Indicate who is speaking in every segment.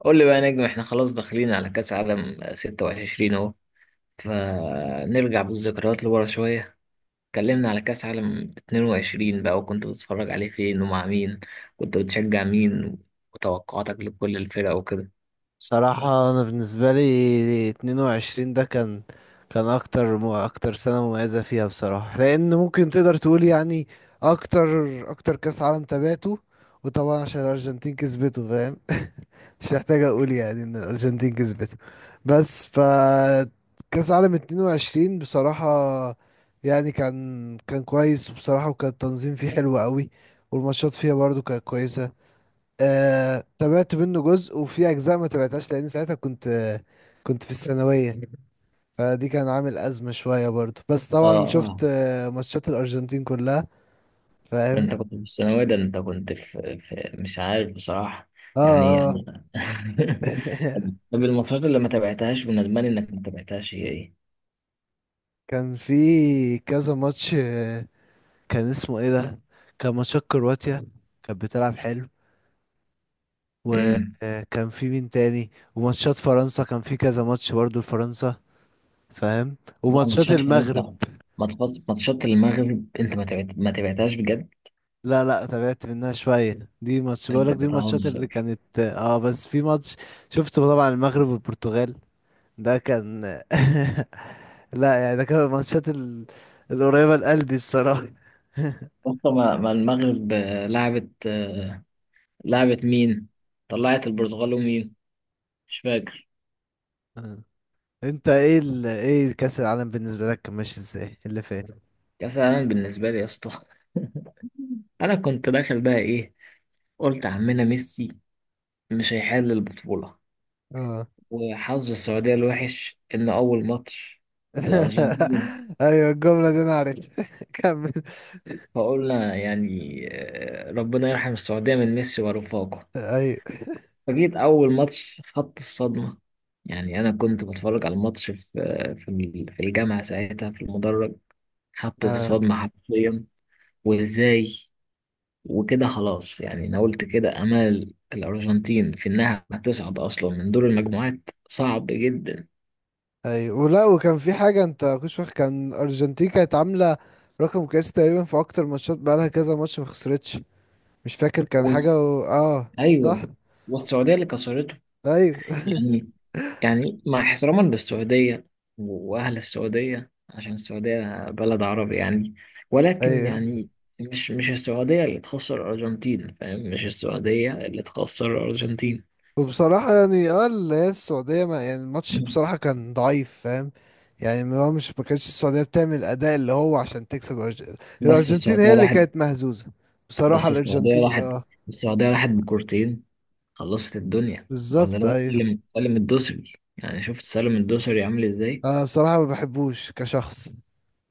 Speaker 1: قول لي بقى يا نجم، احنا خلاص داخلين على كأس عالم 26 اهو. فنرجع بالذكريات لورا شوية. اتكلمنا على كأس عالم 22 بقى، وكنت بتتفرج عليه فين ومع مين؟ كنت بتشجع مين؟ وتوقعاتك لكل الفرق وكده.
Speaker 2: صراحة أنا بالنسبة لي اتنين وعشرين ده كان أكتر أكتر سنة مميزة فيها بصراحة، لأن ممكن تقدر تقول يعني أكتر أكتر كأس عالم تابعته. وطبعا عشان الأرجنتين كسبته فاهم. مش محتاج أقول يعني إن الأرجنتين كسبته. بس ف كأس عالم اتنين وعشرين بصراحة يعني كان كويس، وبصراحة وكان التنظيم فيه حلو قوي، والماتشات فيها برضو كانت كويسة. تابعت منه جزء وفي اجزاء ما تابعتهاش، لان ساعتها كنت كنت في الثانويه. فدي كان عامل ازمه شويه برضو، بس
Speaker 1: اه،
Speaker 2: طبعا شفت
Speaker 1: اه.
Speaker 2: ماتشات الارجنتين كلها
Speaker 1: ده
Speaker 2: فاهم.
Speaker 1: انت كنت في الثانوية، ده انت كنت في مش عارف بصراحة.
Speaker 2: اه
Speaker 1: يعني
Speaker 2: اه.
Speaker 1: انا. طب الماتشات اللي ما تابعتهاش من الماني انك ما تابعتهاش هي
Speaker 2: كان في كذا ماتش كان اسمه ايه ده؟ كان ماتشات كرواتيا، كانت بتلعب حلو.
Speaker 1: ايه؟
Speaker 2: وكان في مين تاني؟ وماتشات فرنسا، كان في كذا ماتش برضو لفرنسا فاهم.
Speaker 1: لا،
Speaker 2: وماتشات
Speaker 1: ماتشات حرام
Speaker 2: المغرب.
Speaker 1: طبعا. ماتشات المغرب، انت ما تبعتهاش بجد؟
Speaker 2: لا تابعت منها شوية، دي ماتش
Speaker 1: انت
Speaker 2: بقولك دي الماتشات اللي
Speaker 1: بتهزر.
Speaker 2: كانت اه، بس في ماتش شفته طبعا المغرب والبرتغال. ده كان… لا يعني ده كان الماتشات القريبة لقلبي بصراحة.
Speaker 1: اصلا ما, ما المغرب لعبت، لعبت مين؟ طلعت البرتغال ومين؟ مش فاكر.
Speaker 2: آه. انت ايه ايه كأس العالم بالنسبة لك كان ماشي ازاي اللي فات؟
Speaker 1: كاس العالم بالنسبه لي يا اسطى، انا كنت داخل بقى ايه، قلت عمنا ميسي مش هيحل البطوله.
Speaker 2: اه.
Speaker 1: وحظ السعوديه الوحش ان اول ماتش للارجنتين.
Speaker 2: ايوه الجملة دي انا عارف. كمل.
Speaker 1: فقلنا يعني، ربنا يرحم السعوديه من ميسي ورفاقه.
Speaker 2: ايوه
Speaker 1: فجيت أول ماتش خدت الصدمة. يعني أنا كنت بتفرج على الماتش في في الجامعة ساعتها في المدرج. خدت الصدمة حرفيا، وإزاي، وكده خلاص. يعني أنا قلت كده أمل الأرجنتين في إنها هتصعد أصلا من دور المجموعات صعب جدا.
Speaker 2: ايوه. ولا وكان في حاجة انت كنتش واخد، كان ارجنتين كانت عاملة رقم قياسي تقريبا في اكتر ماتشات، بقالها كذا ماتش ما خسرتش مش فاكر، كان
Speaker 1: وس-
Speaker 2: حاجة اه صح.
Speaker 1: أيوه، والسعودية اللي كسرته.
Speaker 2: ايوه.
Speaker 1: يعني، يعني مع احتراما للسعودية وأهل السعودية، عشان السعودية بلد عربي يعني، ولكن
Speaker 2: ايوه.
Speaker 1: يعني مش السعودية اللي تخسر الأرجنتين، فاهم؟ مش السعودية اللي تخسر الأرجنتين.
Speaker 2: وبصراحة يعني اه اللي هي السعودية ما يعني الماتش بصراحة كان ضعيف فاهم. يعني ما هو مش ما كانتش السعودية بتعمل الأداء اللي هو عشان تكسب
Speaker 1: بس
Speaker 2: الأرجنتين هي
Speaker 1: السعودية
Speaker 2: اللي
Speaker 1: راحت،
Speaker 2: كانت مهزوزة. بصراحة
Speaker 1: بس السعودية
Speaker 2: الأرجنتين
Speaker 1: راحت،
Speaker 2: اه.
Speaker 1: السعودية راحت بكورتين. خلصت الدنيا ولا
Speaker 2: بالظبط
Speaker 1: الواد
Speaker 2: أيوه.
Speaker 1: سالم، سالم الدوسري؟ يعني شفت سالم الدوسري عامل ازاي؟
Speaker 2: أنا بصراحة ما بحبوش كشخص،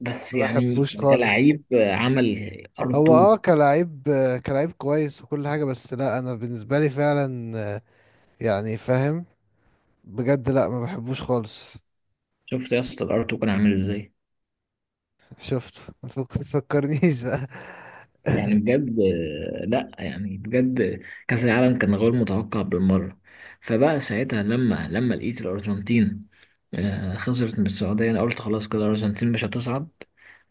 Speaker 1: بس
Speaker 2: ما
Speaker 1: يعني
Speaker 2: بحبوش خالص.
Speaker 1: كلاعب عمل ار
Speaker 2: هو اه
Speaker 1: 2.
Speaker 2: كلاعب، كلاعب كويس وكل حاجة، بس لا انا بالنسبة لي فعلا يعني فاهم. بجد لا ما بحبوش خالص.
Speaker 1: شفت يا اسطى الار 2 كان عامل ازاي؟
Speaker 2: شفته. ما تفكرنيش بقى.
Speaker 1: يعني بجد، لا يعني بجد كأس العالم كان غير متوقع بالمرة. فبقى ساعتها لما لقيت الأرجنتين خسرت من السعودية، أنا قلت خلاص كده الأرجنتين مش هتصعد.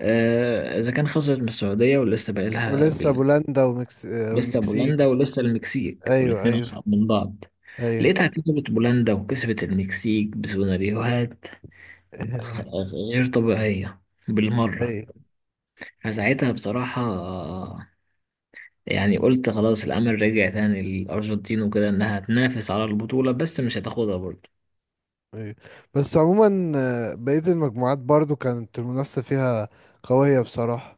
Speaker 1: إذا كان خسرت من السعودية ولسه باقي لها
Speaker 2: ولسه بولندا ومكس... آه،
Speaker 1: لسه بولندا
Speaker 2: والمكسيك.
Speaker 1: ولسه المكسيك،
Speaker 2: ايوه
Speaker 1: والاتنين
Speaker 2: ايوه.
Speaker 1: أصعب من بعض.
Speaker 2: ايوه.
Speaker 1: لقيتها كسبت بولندا وكسبت المكسيك بسيناريوهات خ- غير طبيعية بالمرة.
Speaker 2: ايوه
Speaker 1: فساعتها بصراحة يعني قلت خلاص الأمل رجع تاني للأرجنتين وكده، إنها تنافس على البطولة، بس مش هتاخدها برضه.
Speaker 2: ايوه. بس عموما بقية المجموعات برضو كانت المنافسة فيها قوية بصراحة.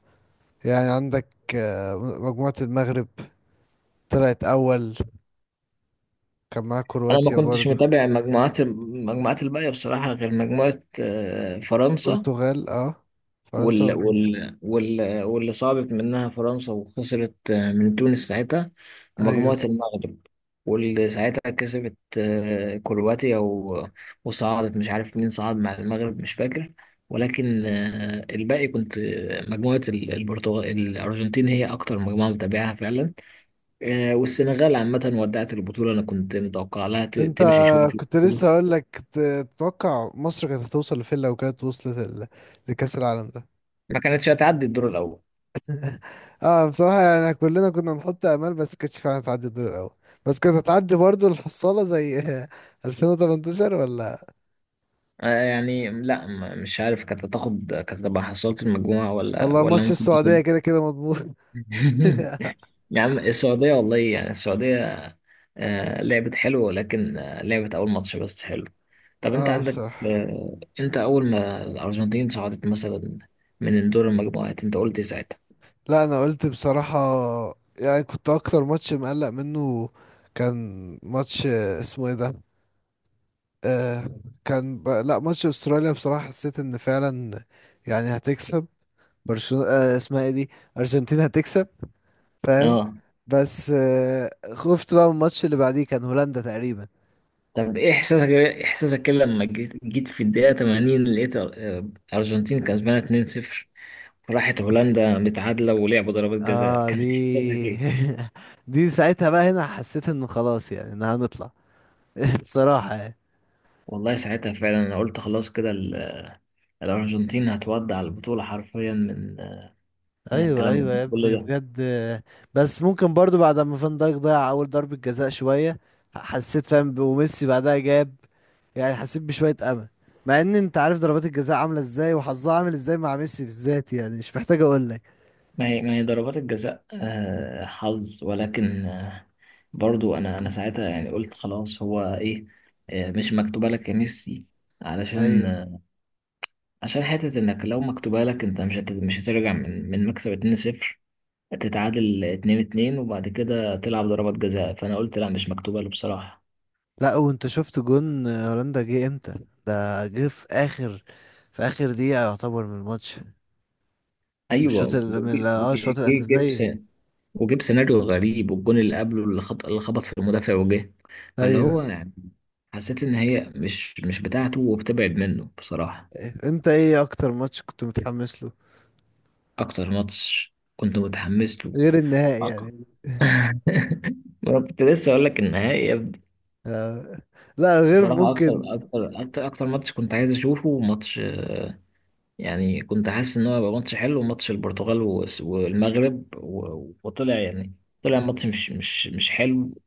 Speaker 2: يعني عندك مجموعة المغرب طلعت اول، كان معاها
Speaker 1: أنا ما
Speaker 2: كرواتيا
Speaker 1: كنتش
Speaker 2: برضو.
Speaker 1: متابع المجموعات، الباقية بصراحة، غير مجموعة فرنسا،
Speaker 2: برتغال اه، فرنسا
Speaker 1: واللي صعدت منها فرنسا وخسرت من تونس ساعتها،
Speaker 2: ايوه.
Speaker 1: مجموعة المغرب واللي ساعتها كسبت كرواتيا وصعدت، مش عارف مين صعد مع المغرب، مش فاكر. ولكن الباقي كنت مجموعة البرتغال الأرجنتين هي أكتر مجموعة متابعها فعلا. والسنغال عامة ودعت البطولة. أنا كنت متوقع لها
Speaker 2: انت
Speaker 1: تمشي شوية في
Speaker 2: كنت لسه
Speaker 1: البطولة.
Speaker 2: هقول لك تتوقع مصر كانت هتوصل لفين لو كانت وصلت لكأس العالم ده؟
Speaker 1: ما كانتش هتعدي الدور الأول.
Speaker 2: اه بصراحة يعني كلنا كنا نحط امال، بس كانتش فعلا هتعدي الدور الاول، بس كانت هتعدي برضو الحصالة زي 2018 ولا ولا
Speaker 1: يعني لا مش عارف، كانت هتاخد، كانت هتبقى حصلت المجموعة، ولا
Speaker 2: والله
Speaker 1: ولا
Speaker 2: ماتش
Speaker 1: ممكن
Speaker 2: السعودية
Speaker 1: تاخد.
Speaker 2: كده كده مضمون.
Speaker 1: يا عم السعودية، والله يعني السعودية لعبت حلو، ولكن لعبت أول ماتش بس حلو. طب أنت
Speaker 2: اه
Speaker 1: عندك،
Speaker 2: بصراحة.
Speaker 1: أنت أول ما الأرجنتين صعدت مثلا من دور المجموعات، أنت قلت إيه ساعتها؟
Speaker 2: لا انا قلت بصراحة يعني كنت اكتر ماتش مقلق منه كان ماتش اسمه ايه ده، آه كان لا ماتش استراليا بصراحة حسيت ان فعلا يعني هتكسب برشلونة آه اسمها ايه دي، ارجنتين هتكسب فاهم.
Speaker 1: اه.
Speaker 2: بس آه خفت بقى من الماتش اللي بعديه، كان هولندا تقريبا.
Speaker 1: طب إيه إحساسك، إيه إحساسك كده لما جيت في الدقيقة 80 لقيت الأرجنتين كسبانة 2-0، راحت هولندا متعادلة ولعبوا ضربات جزاء،
Speaker 2: اه
Speaker 1: كان إحساسك إيه؟
Speaker 2: دي ساعتها بقى هنا حسيت انه خلاص يعني ان هنطلع. بصراحة يعني.
Speaker 1: والله ساعتها فعلا أنا قلت خلاص كده الأرجنتين هتودع البطولة حرفيا من
Speaker 2: ايوه ايوه يا
Speaker 1: الكلام كله
Speaker 2: ابني
Speaker 1: ده.
Speaker 2: بجد. بس ممكن برضو بعد ما فان دايك ضيع اول ضربة جزاء شوية، حسيت فاهم، وميسي بعدها جاب يعني حسيت بشوية امل، مع ان انت عارف ضربات الجزاء عاملة ازاي وحظها عامل ازاي مع ميسي بالذات، يعني مش محتاج اقول لك.
Speaker 1: ما هي، ضربات الجزاء حظ، ولكن برضو أنا ساعتها يعني قلت خلاص، هو إيه مش مكتوبة لك يا ميسي، علشان
Speaker 2: ايوه.
Speaker 1: عشان حتة، إنك لو مكتوبة لك أنت مش هترجع من مكسب 2-0 تتعادل اتنين اتنين وبعد كده تلعب ضربات جزاء. فأنا قلت لا، مش مكتوبة له بصراحة.
Speaker 2: لا وانت شفت جون هولندا جه امتى؟ ده جه في اخر، في اخر دقيقة يعتبر من الماتش، مش الشوط
Speaker 1: أيوه،
Speaker 2: ال- من ال- اه الشوط
Speaker 1: جيب س-
Speaker 2: الاساسية.
Speaker 1: وجيب سيناريو غريب، والجون اللي قبله اللي خبط، في المدافع وجه، فاللي
Speaker 2: ايوه.
Speaker 1: هو يعني حسيت إن هي مش بتاعته وبتبعد منه بصراحة.
Speaker 2: أيوة. انت ايه اكتر ماتش كنت متحمس له
Speaker 1: أكتر ماتش كنت متحمس له؟
Speaker 2: غير النهائي
Speaker 1: أكتر.
Speaker 2: يعني؟
Speaker 1: أنا كنت لسه أقول لك النهائي يا ابني.
Speaker 2: آه، لا غير
Speaker 1: بصراحة أكتر
Speaker 2: ممكن.
Speaker 1: أكتر أكتر أكتر ماتش كنت عايز أشوفه، ماتش يعني كنت حاسس ان هو هيبقى ماتش حلو، ماتش البرتغال والمغرب وطلع يعني، طلع ماتش مش حلو،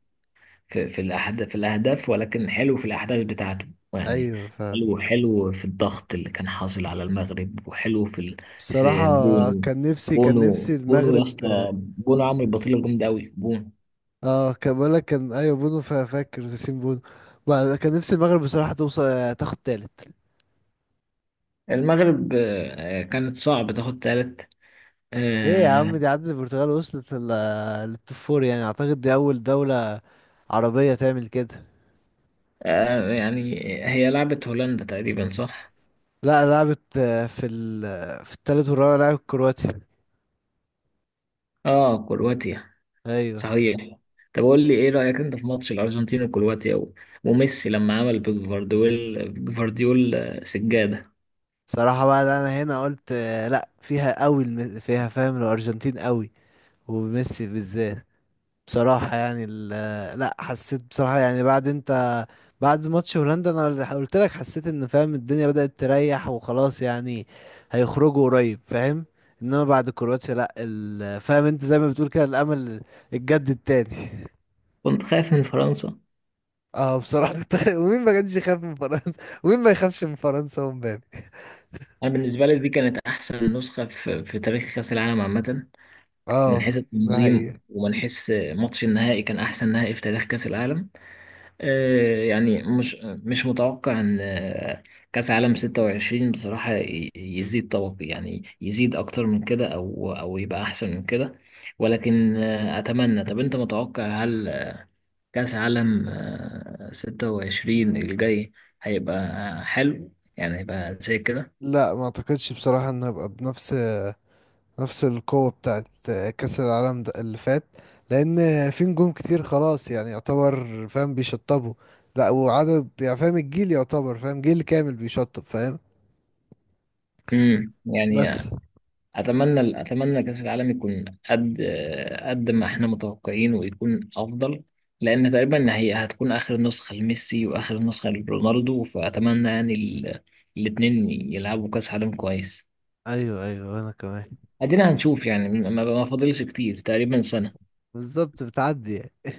Speaker 1: في الاهداف، ولكن حلو في الاحداث بتاعته. يعني
Speaker 2: ايوه ف
Speaker 1: حلو في الضغط اللي كان حاصل على المغرب، وحلو
Speaker 2: بصراحة
Speaker 1: في بونو.
Speaker 2: كان نفسي
Speaker 1: بونو يا
Speaker 2: المغرب.
Speaker 1: اسطى، بونو عامل بطيله جامده قوي بونو.
Speaker 2: اه كان بقولك كان ايوه بونو، فاكر ياسين بونو؟ كان نفسي المغرب بصراحة توصل تاخد تالت.
Speaker 1: المغرب كانت صعب تاخد تالت.
Speaker 2: ليه يا عم؟
Speaker 1: آه،
Speaker 2: دي عدت البرتغال، وصلت للتوب فور، يعني اعتقد دي اول دولة عربية تعمل كده.
Speaker 1: يعني هي لعبت هولندا تقريبا، صح؟
Speaker 2: لا لعبت في في التالت والرابع لعبت كرواتيا.
Speaker 1: اه، كرواتيا،
Speaker 2: ايوه.
Speaker 1: صحيح. طب قول لي ايه رأيك انت في ماتش الارجنتين وكرواتيا وميسي لما عمل بجفارديول، سجادة.
Speaker 2: صراحة بقى ده انا هنا قلت لا فيها قوي فيها فاهم الارجنتين قوي وميسي بالذات. بصراحة يعني لا حسيت بصراحة يعني بعد انت، بعد ماتش هولندا انا قلت لك حسيت ان فاهم الدنيا بدأت تريح وخلاص يعني هيخرجوا قريب فاهم. انما بعد كرواتيا لا فاهم انت زي ما بتقول كده الامل اتجدد تاني.
Speaker 1: كنت خايف من فرنسا.
Speaker 2: اه بصراحة كنت. ومين ما كانش يخاف من فرنسا؟ ومين ما يخافش من فرنسا ومبابي؟
Speaker 1: انا بالنسبة لي دي كانت احسن نسخة في تاريخ كأس العالم عامة، من
Speaker 2: اه
Speaker 1: حيث
Speaker 2: ده
Speaker 1: التنظيم،
Speaker 2: حقيقي.
Speaker 1: ومن حيث ماتش النهائي كان احسن نهائي في تاريخ كأس العالم. يعني مش متوقع ان كاس عالم 26 بصراحة يزيد طبق، يعني يزيد اكتر من كده، او يبقى احسن من كده. ولكن اتمنى. طب انت متوقع، هل كاس عالم 26 الجاي هيبقى حلو؟ يعني هيبقى زي كده.
Speaker 2: لا ما اعتقدش بصراحة ان هبقى بنفس القوة بتاعت كأس العالم ده اللي فات، لأن في نجوم كتير خلاص يعني يعتبر فاهم بيشطبوا. لا وعدد يعني فاهم الجيل يعتبر فاهم جيل كامل بيشطب فاهم.
Speaker 1: يعني
Speaker 2: بس.
Speaker 1: اتمنى، كاس العالم يكون قد، قد ما احنا متوقعين، ويكون افضل، لان تقريبا هي هتكون اخر نسخه لميسي واخر نسخه لرونالدو. فاتمنى يعني الاتنين يلعبوا كاس عالم كويس.
Speaker 2: ايوه ايوه انا كمان.
Speaker 1: ادينا هنشوف يعني، ما فاضلش كتير، تقريبا سنه.
Speaker 2: بالظبط بتعدي يعني.